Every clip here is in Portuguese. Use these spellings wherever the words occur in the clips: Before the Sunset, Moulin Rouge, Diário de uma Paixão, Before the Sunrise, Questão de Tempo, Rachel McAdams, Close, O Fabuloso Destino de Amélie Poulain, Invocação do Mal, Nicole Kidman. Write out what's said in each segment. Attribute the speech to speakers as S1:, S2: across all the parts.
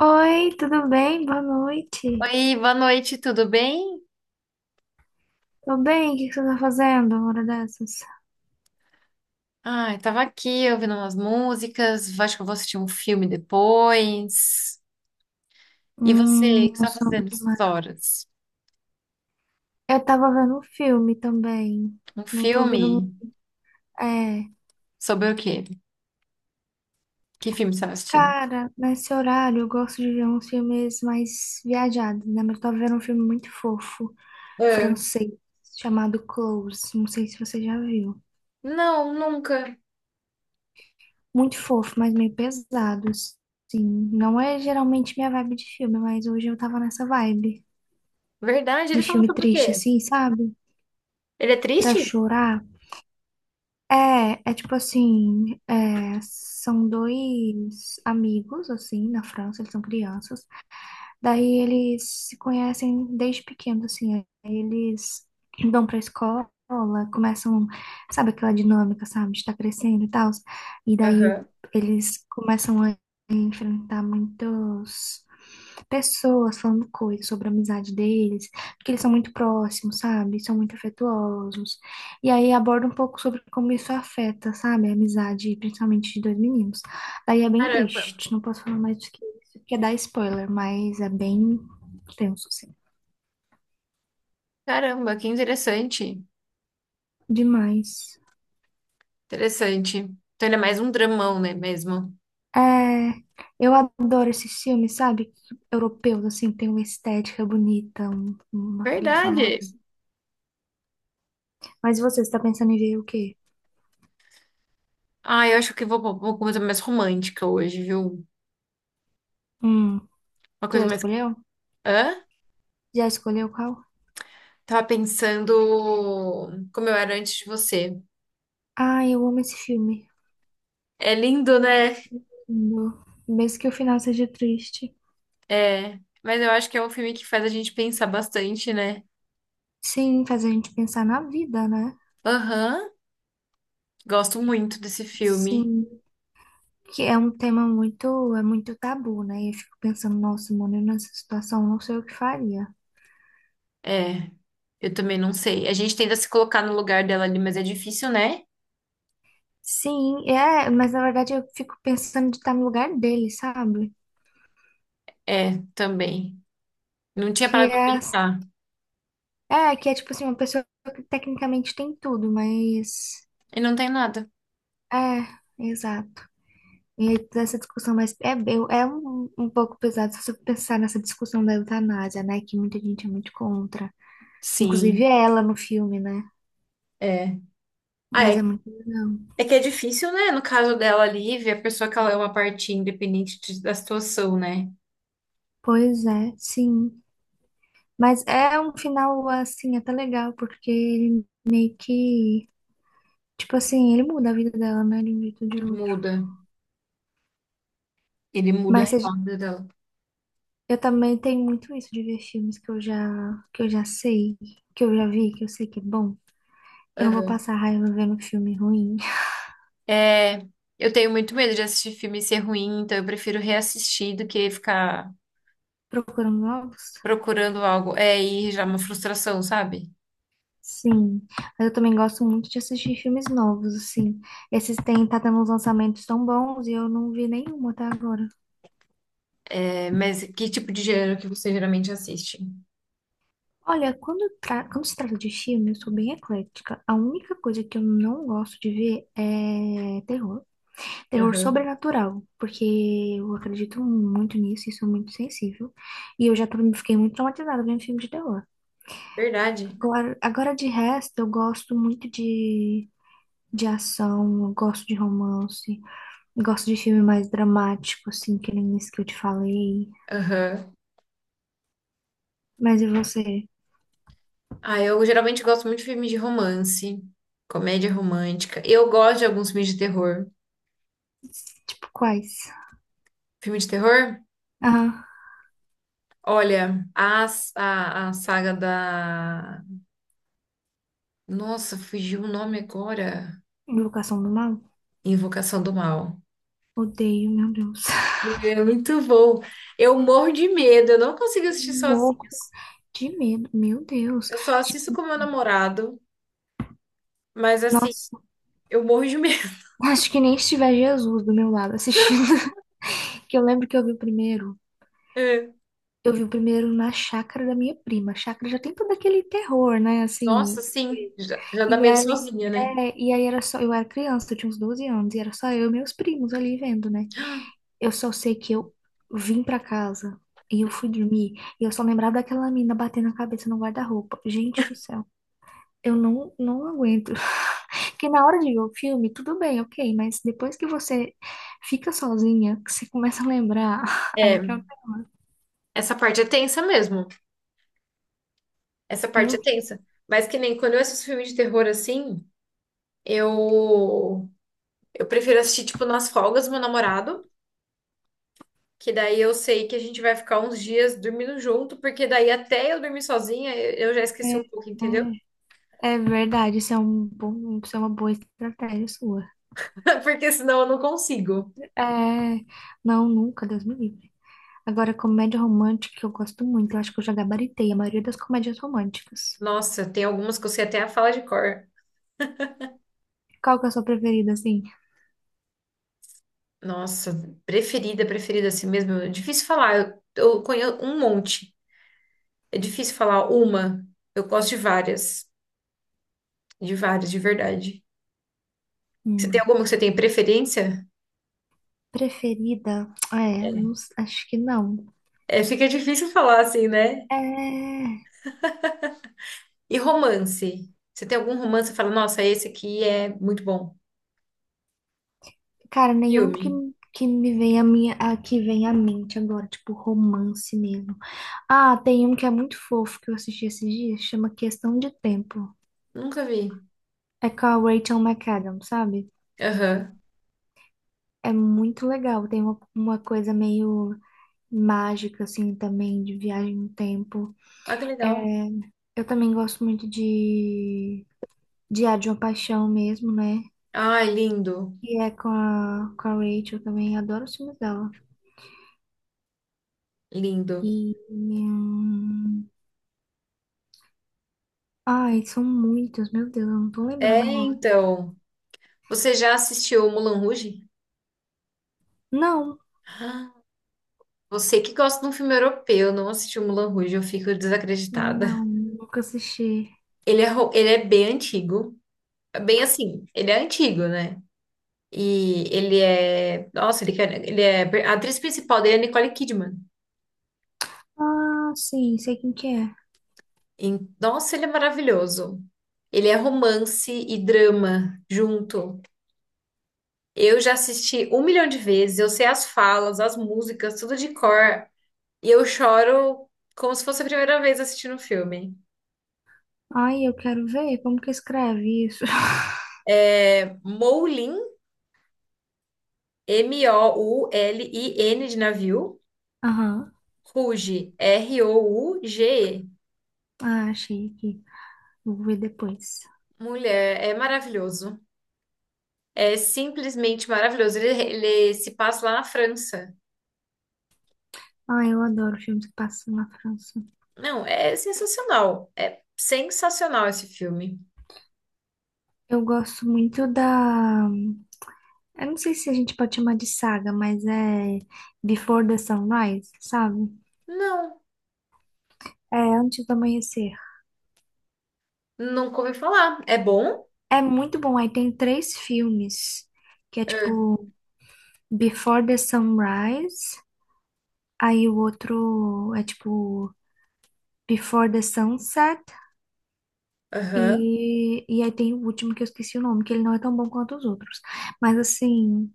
S1: Oi, tudo bem? Boa noite.
S2: Oi, boa noite, tudo bem?
S1: Tô bem, o que que você tá fazendo uma hora dessas?
S2: Ai, tava aqui ouvindo umas músicas, acho que eu vou assistir um filme depois. E você, o que você
S1: Não
S2: tá
S1: sou
S2: fazendo
S1: muito
S2: essas
S1: mais.
S2: horas?
S1: Eu tava vendo um filme também.
S2: Um
S1: Não tô vendo.
S2: filme?
S1: É.
S2: Sobre o quê? Que filme você tá assistindo?
S1: Cara, nesse horário eu gosto de ver uns filmes mais viajados, né? Mas eu tava vendo um filme muito fofo,
S2: Ah,
S1: francês, chamado Close. Não sei se você já viu.
S2: não, nunca.
S1: Muito fofo, mas meio pesado, sim. Não é geralmente minha vibe de filme, mas hoje eu tava nessa vibe
S2: Verdade, ele
S1: de
S2: fala
S1: filme
S2: sobre o
S1: triste,
S2: quê?
S1: assim, sabe?
S2: Ele é
S1: Pra
S2: triste?
S1: chorar? É, é tipo assim, é, são dois amigos, assim, na França, eles são crianças. Daí eles se conhecem desde pequeno, assim. Aí eles vão pra escola, começam, sabe aquela dinâmica, sabe, de estar crescendo e tal. E daí
S2: Aham.
S1: eles começam a enfrentar muitas pessoas falando coisas sobre a amizade deles, porque eles são muito próximos, sabe? São muito afetuosos. E aí aborda um pouco sobre como isso afeta, sabe, a amizade, principalmente de dois meninos. Aí é bem
S2: Caramba.
S1: triste, não posso falar mais do que isso, porque dá spoiler, mas é bem tenso, assim.
S2: Caramba, que interessante.
S1: Demais.
S2: Interessante. Então ele é mais um dramão, né, mesmo?
S1: É, eu adoro esses filmes, sabe? Europeus, assim, tem uma estética bonita, uma trilha sonora,
S2: Verdade.
S1: assim. Mas você está pensando em ver o quê?
S2: Ah, eu acho que vou pra uma coisa mais romântica hoje, viu?
S1: Hum,
S2: Uma
S1: você
S2: coisa
S1: já
S2: mais...
S1: escolheu?
S2: Hã?
S1: Já escolheu qual?
S2: Tava pensando como eu era antes de você.
S1: Ah, eu amo esse filme.
S2: É lindo, né?
S1: Amo. Mesmo que o final seja triste.
S2: É. Mas eu acho que é um filme que faz a gente pensar bastante, né?
S1: Sim, faz a gente pensar na vida, né?
S2: Aham. Gosto muito desse filme.
S1: Sim. Que é um tema muito, é muito tabu, né? E eu fico pensando, nossa, mano, eu nessa situação não sei o que faria.
S2: É. Eu também não sei. A gente tenta se colocar no lugar dela ali, mas é difícil, né?
S1: Sim, é, mas na verdade eu fico pensando de estar no lugar dele, sabe?
S2: É, também. Não tinha
S1: Que
S2: parado pra
S1: é,
S2: pensar.
S1: é, que é tipo assim, uma pessoa que tecnicamente tem tudo, mas
S2: E não tem nada.
S1: é, exato. E aí toda essa discussão, mas é, é um pouco pesado se você pensar nessa discussão da eutanásia, né? Que muita gente é muito contra. Inclusive
S2: Sim,
S1: ela no filme, né?
S2: é. Ah,
S1: Mas é
S2: é,
S1: muito legal.
S2: é que é difícil, né? No caso dela, a Lívia, a pessoa que ela é uma parte independente de- da situação, né?
S1: Pois é, sim. Mas é um final, assim, até legal, porque ele meio que. Tipo assim, ele muda a vida dela, né? De um jeito ou de outro.
S2: Muda. Ele muda a
S1: Mas a
S2: realidade dela.
S1: eu também tenho muito isso de ver filmes que que eu já sei, que eu já vi, que eu sei que é bom. Eu não vou
S2: Aham.
S1: passar raiva vendo filme ruim.
S2: É, eu tenho muito medo de assistir filme e ser ruim, então eu prefiro reassistir do que ficar
S1: Procurando novos?
S2: procurando algo. É, e já é uma frustração, sabe?
S1: Sim. Mas eu também gosto muito de assistir filmes novos, assim. Esses têm, tá tendo uns lançamentos tão bons e eu não vi nenhum até agora.
S2: É, mas que tipo de gênero que você geralmente assiste?
S1: Olha, quando se trata de filme, eu sou bem eclética. A única coisa que eu não gosto de ver é terror. Terror
S2: Aham.
S1: sobrenatural, porque eu acredito muito nisso e sou muito sensível. E eu já fiquei muito traumatizada vendo filme de terror.
S2: Verdade.
S1: Agora de resto, eu gosto muito de ação, eu gosto de romance, gosto de filme mais dramático, assim, que nem esse que eu te falei.
S2: Aham.
S1: Mas e você?
S2: Ah, eu geralmente gosto muito de filmes de romance, comédia romântica. Eu gosto de alguns filmes de terror.
S1: Tipo, quais?
S2: Filme de terror?
S1: Ah,
S2: Olha, a saga da. Nossa, fugiu o nome agora.
S1: Invocação do Mal?
S2: Invocação do Mal.
S1: Odeio, meu Deus.
S2: É muito bom. Eu morro de medo, eu não consigo assistir
S1: Louco
S2: sozinhos.
S1: de medo, meu Deus.
S2: Eu só assisto com
S1: Gente,
S2: meu namorado, mas assim,
S1: nossa,
S2: eu morro de medo.
S1: acho que nem estiver Jesus do meu lado assistindo. Que eu lembro que eu vi o primeiro.
S2: É.
S1: Eu vi o primeiro na chácara da minha prima. A chácara já tem todo aquele terror, né?
S2: Nossa,
S1: Assim.
S2: sim, já, já dá
S1: E
S2: medo
S1: aí,
S2: sozinha, né?
S1: é, e aí era só. Eu era criança, eu tinha uns 12 anos, e era só eu e meus primos ali vendo, né? Eu só sei que eu vim pra casa e eu fui dormir. E eu só lembrava daquela mina batendo a cabeça no guarda-roupa. Gente do céu, eu não aguento. Porque na hora de ver o filme, tudo bem, ok, mas depois que você fica sozinha, que você começa a lembrar, aí
S2: É,
S1: que eu,
S2: essa parte é tensa mesmo. Essa
S1: eu é,
S2: parte é
S1: horrível.
S2: tensa. Mas que nem quando eu assisto filme de terror assim, eu prefiro assistir tipo nas folgas do meu namorado, que daí eu sei que a gente vai ficar uns dias dormindo junto, porque daí até eu dormir sozinha, eu já esqueci
S1: é,
S2: um pouco, entendeu?
S1: é é verdade, isso é uma boa estratégia sua.
S2: Porque senão eu não consigo.
S1: É, não, nunca, Deus me livre. Agora, comédia romântica que eu gosto muito, eu acho que eu já gabaritei a maioria das comédias românticas.
S2: Nossa, tem algumas que eu sei até a fala de cor.
S1: Qual que é a sua preferida, assim?
S2: Nossa, preferida, preferida assim mesmo. É difícil falar. Eu conheço um monte. É difícil falar uma. Eu gosto de várias. De várias, de verdade. Você tem
S1: Hum,
S2: alguma que você tem preferência?
S1: preferida? É, não acho que não.
S2: É, fica difícil falar assim, né?
S1: É.
S2: E romance? Você tem algum romance que fala, nossa, esse aqui é muito bom.
S1: Cara,
S2: Filme?
S1: que me vem a minha, a, que vem à mente agora, tipo romance mesmo. Ah, tem um que é muito fofo que eu assisti esses dias, chama Questão de Tempo.
S2: Nunca vi.
S1: É com a Rachel McAdams, sabe?
S2: Aham.
S1: É muito legal, tem uma coisa meio mágica, assim, também, de viagem no tempo.
S2: Ah, que
S1: É,
S2: legal.
S1: eu também gosto muito de Diário de uma Paixão mesmo, né?
S2: Ai, lindo.
S1: E é com a Rachel também, adoro os filmes dela.
S2: Lindo.
S1: E. Ai, são muitos, meu Deus, eu não tô
S2: É,
S1: lembrando agora.
S2: então. Você já assistiu Mulan Rouge?
S1: Não,
S2: Você que gosta de um filme europeu, não assistiu Moulin Rouge, eu fico desacreditada.
S1: não, nunca assisti.
S2: Ele é, ele é bem antigo. É bem assim, ele é antigo, né? E ele é. Nossa, ele, ele é. A atriz principal dele é Nicole Kidman.
S1: Ah, sim, sei quem que é.
S2: E, nossa, ele é maravilhoso. Ele é romance e drama junto. Eu já assisti um milhão de vezes, eu sei as falas, as músicas, tudo de cor. E eu choro como se fosse a primeira vez assistindo o filme.
S1: Ai, eu quero ver como que escreve isso.
S2: É, Moulin de navio.
S1: Aham,
S2: Ruge. Rouge.
S1: ah, achei aqui. Vou ver depois.
S2: Mulher, é maravilhoso. É simplesmente maravilhoso. Ele se passa lá na França.
S1: Ah, eu adoro filmes que passam na França.
S2: Não, é sensacional. É sensacional esse filme.
S1: Eu gosto muito da. Eu não sei se a gente pode chamar de saga, mas é Before the Sunrise, sabe?
S2: Não,
S1: É Antes do Amanhecer.
S2: nunca ouvi falar. É bom?
S1: É muito bom. Aí tem três filmes, que é
S2: Ah,
S1: tipo Before the Sunrise. Aí o outro é tipo Before the Sunset.
S2: aham.
S1: E aí tem o último que eu esqueci o nome, que ele não é tão bom quanto os outros. Mas assim,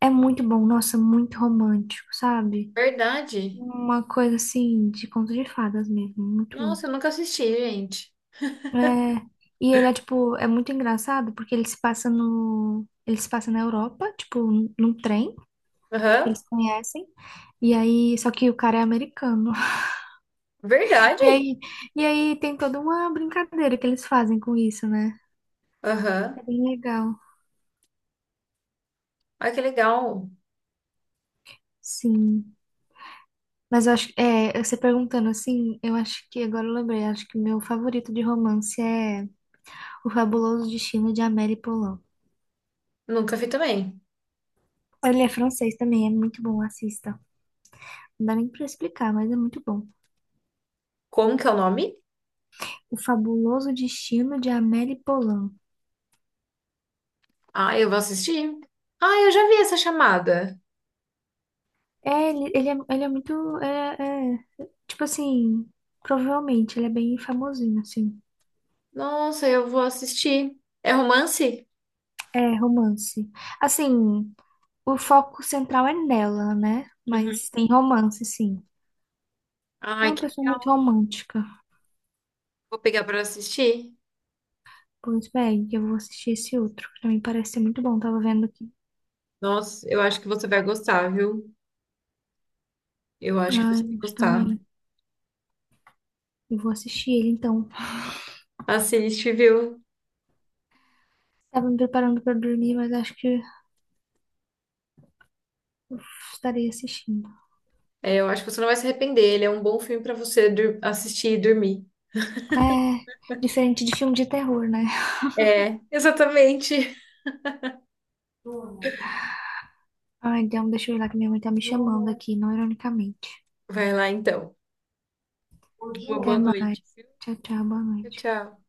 S1: é muito bom. Nossa, muito romântico, sabe?
S2: Verdade.
S1: Uma coisa assim de conto de fadas mesmo. Muito bom.
S2: Nossa, eu nunca assisti, gente.
S1: É, e ele é tipo, é muito engraçado porque ele se passa no, ele se passa na Europa, tipo, num trem que
S2: Aham.
S1: eles conhecem. E aí, só que o cara é americano. E
S2: Verdade.
S1: aí, e aí, tem toda uma brincadeira que eles fazem com isso, né? É
S2: Aham.
S1: bem legal.
S2: Ah, que legal.
S1: Sim. Mas eu acho, é, você perguntando assim, eu acho que agora eu lembrei, acho que meu favorito de romance é O Fabuloso Destino de Amélie Poulain.
S2: Nunca vi também.
S1: Ele é francês também, é muito bom, assista. Não dá nem pra explicar, mas é muito bom.
S2: Como que é o nome?
S1: O Fabuloso Destino de Amélie Poulain.
S2: Ah, eu vou assistir. Ah, eu já vi essa chamada.
S1: É, ele é muito, tipo assim, provavelmente, ele é bem famosinho, assim.
S2: Nossa, eu vou assistir. É romance?
S1: É, romance. Assim, o foco central é nela, né?
S2: Uhum.
S1: Mas tem romance, sim. É
S2: Ai,
S1: uma
S2: que
S1: pessoa muito
S2: legal.
S1: romântica.
S2: Vou pegar pra assistir.
S1: Pois bem, eu vou assistir esse outro, que também parece ser muito bom. Tava vendo aqui.
S2: Nossa, eu acho que você vai gostar, viu? Eu acho que você
S1: Ai,
S2: vai
S1: acho
S2: gostar.
S1: também. Eu vou assistir ele, então.
S2: Assiste, viu?
S1: Tava me preparando pra dormir, mas acho que eu estarei assistindo.
S2: É, eu acho que você não vai se arrepender. Ele é um bom filme pra você assistir e dormir.
S1: É, diferente de filme de terror, né?
S2: É, exatamente.
S1: Ai, então deixa eu ir lá que minha mãe tá me chamando aqui, não ironicamente.
S2: Vai lá então. Uma
S1: Até
S2: boa
S1: mais.
S2: noite.
S1: Tchau, tchau, boa
S2: Tchau,
S1: noite.
S2: tchau.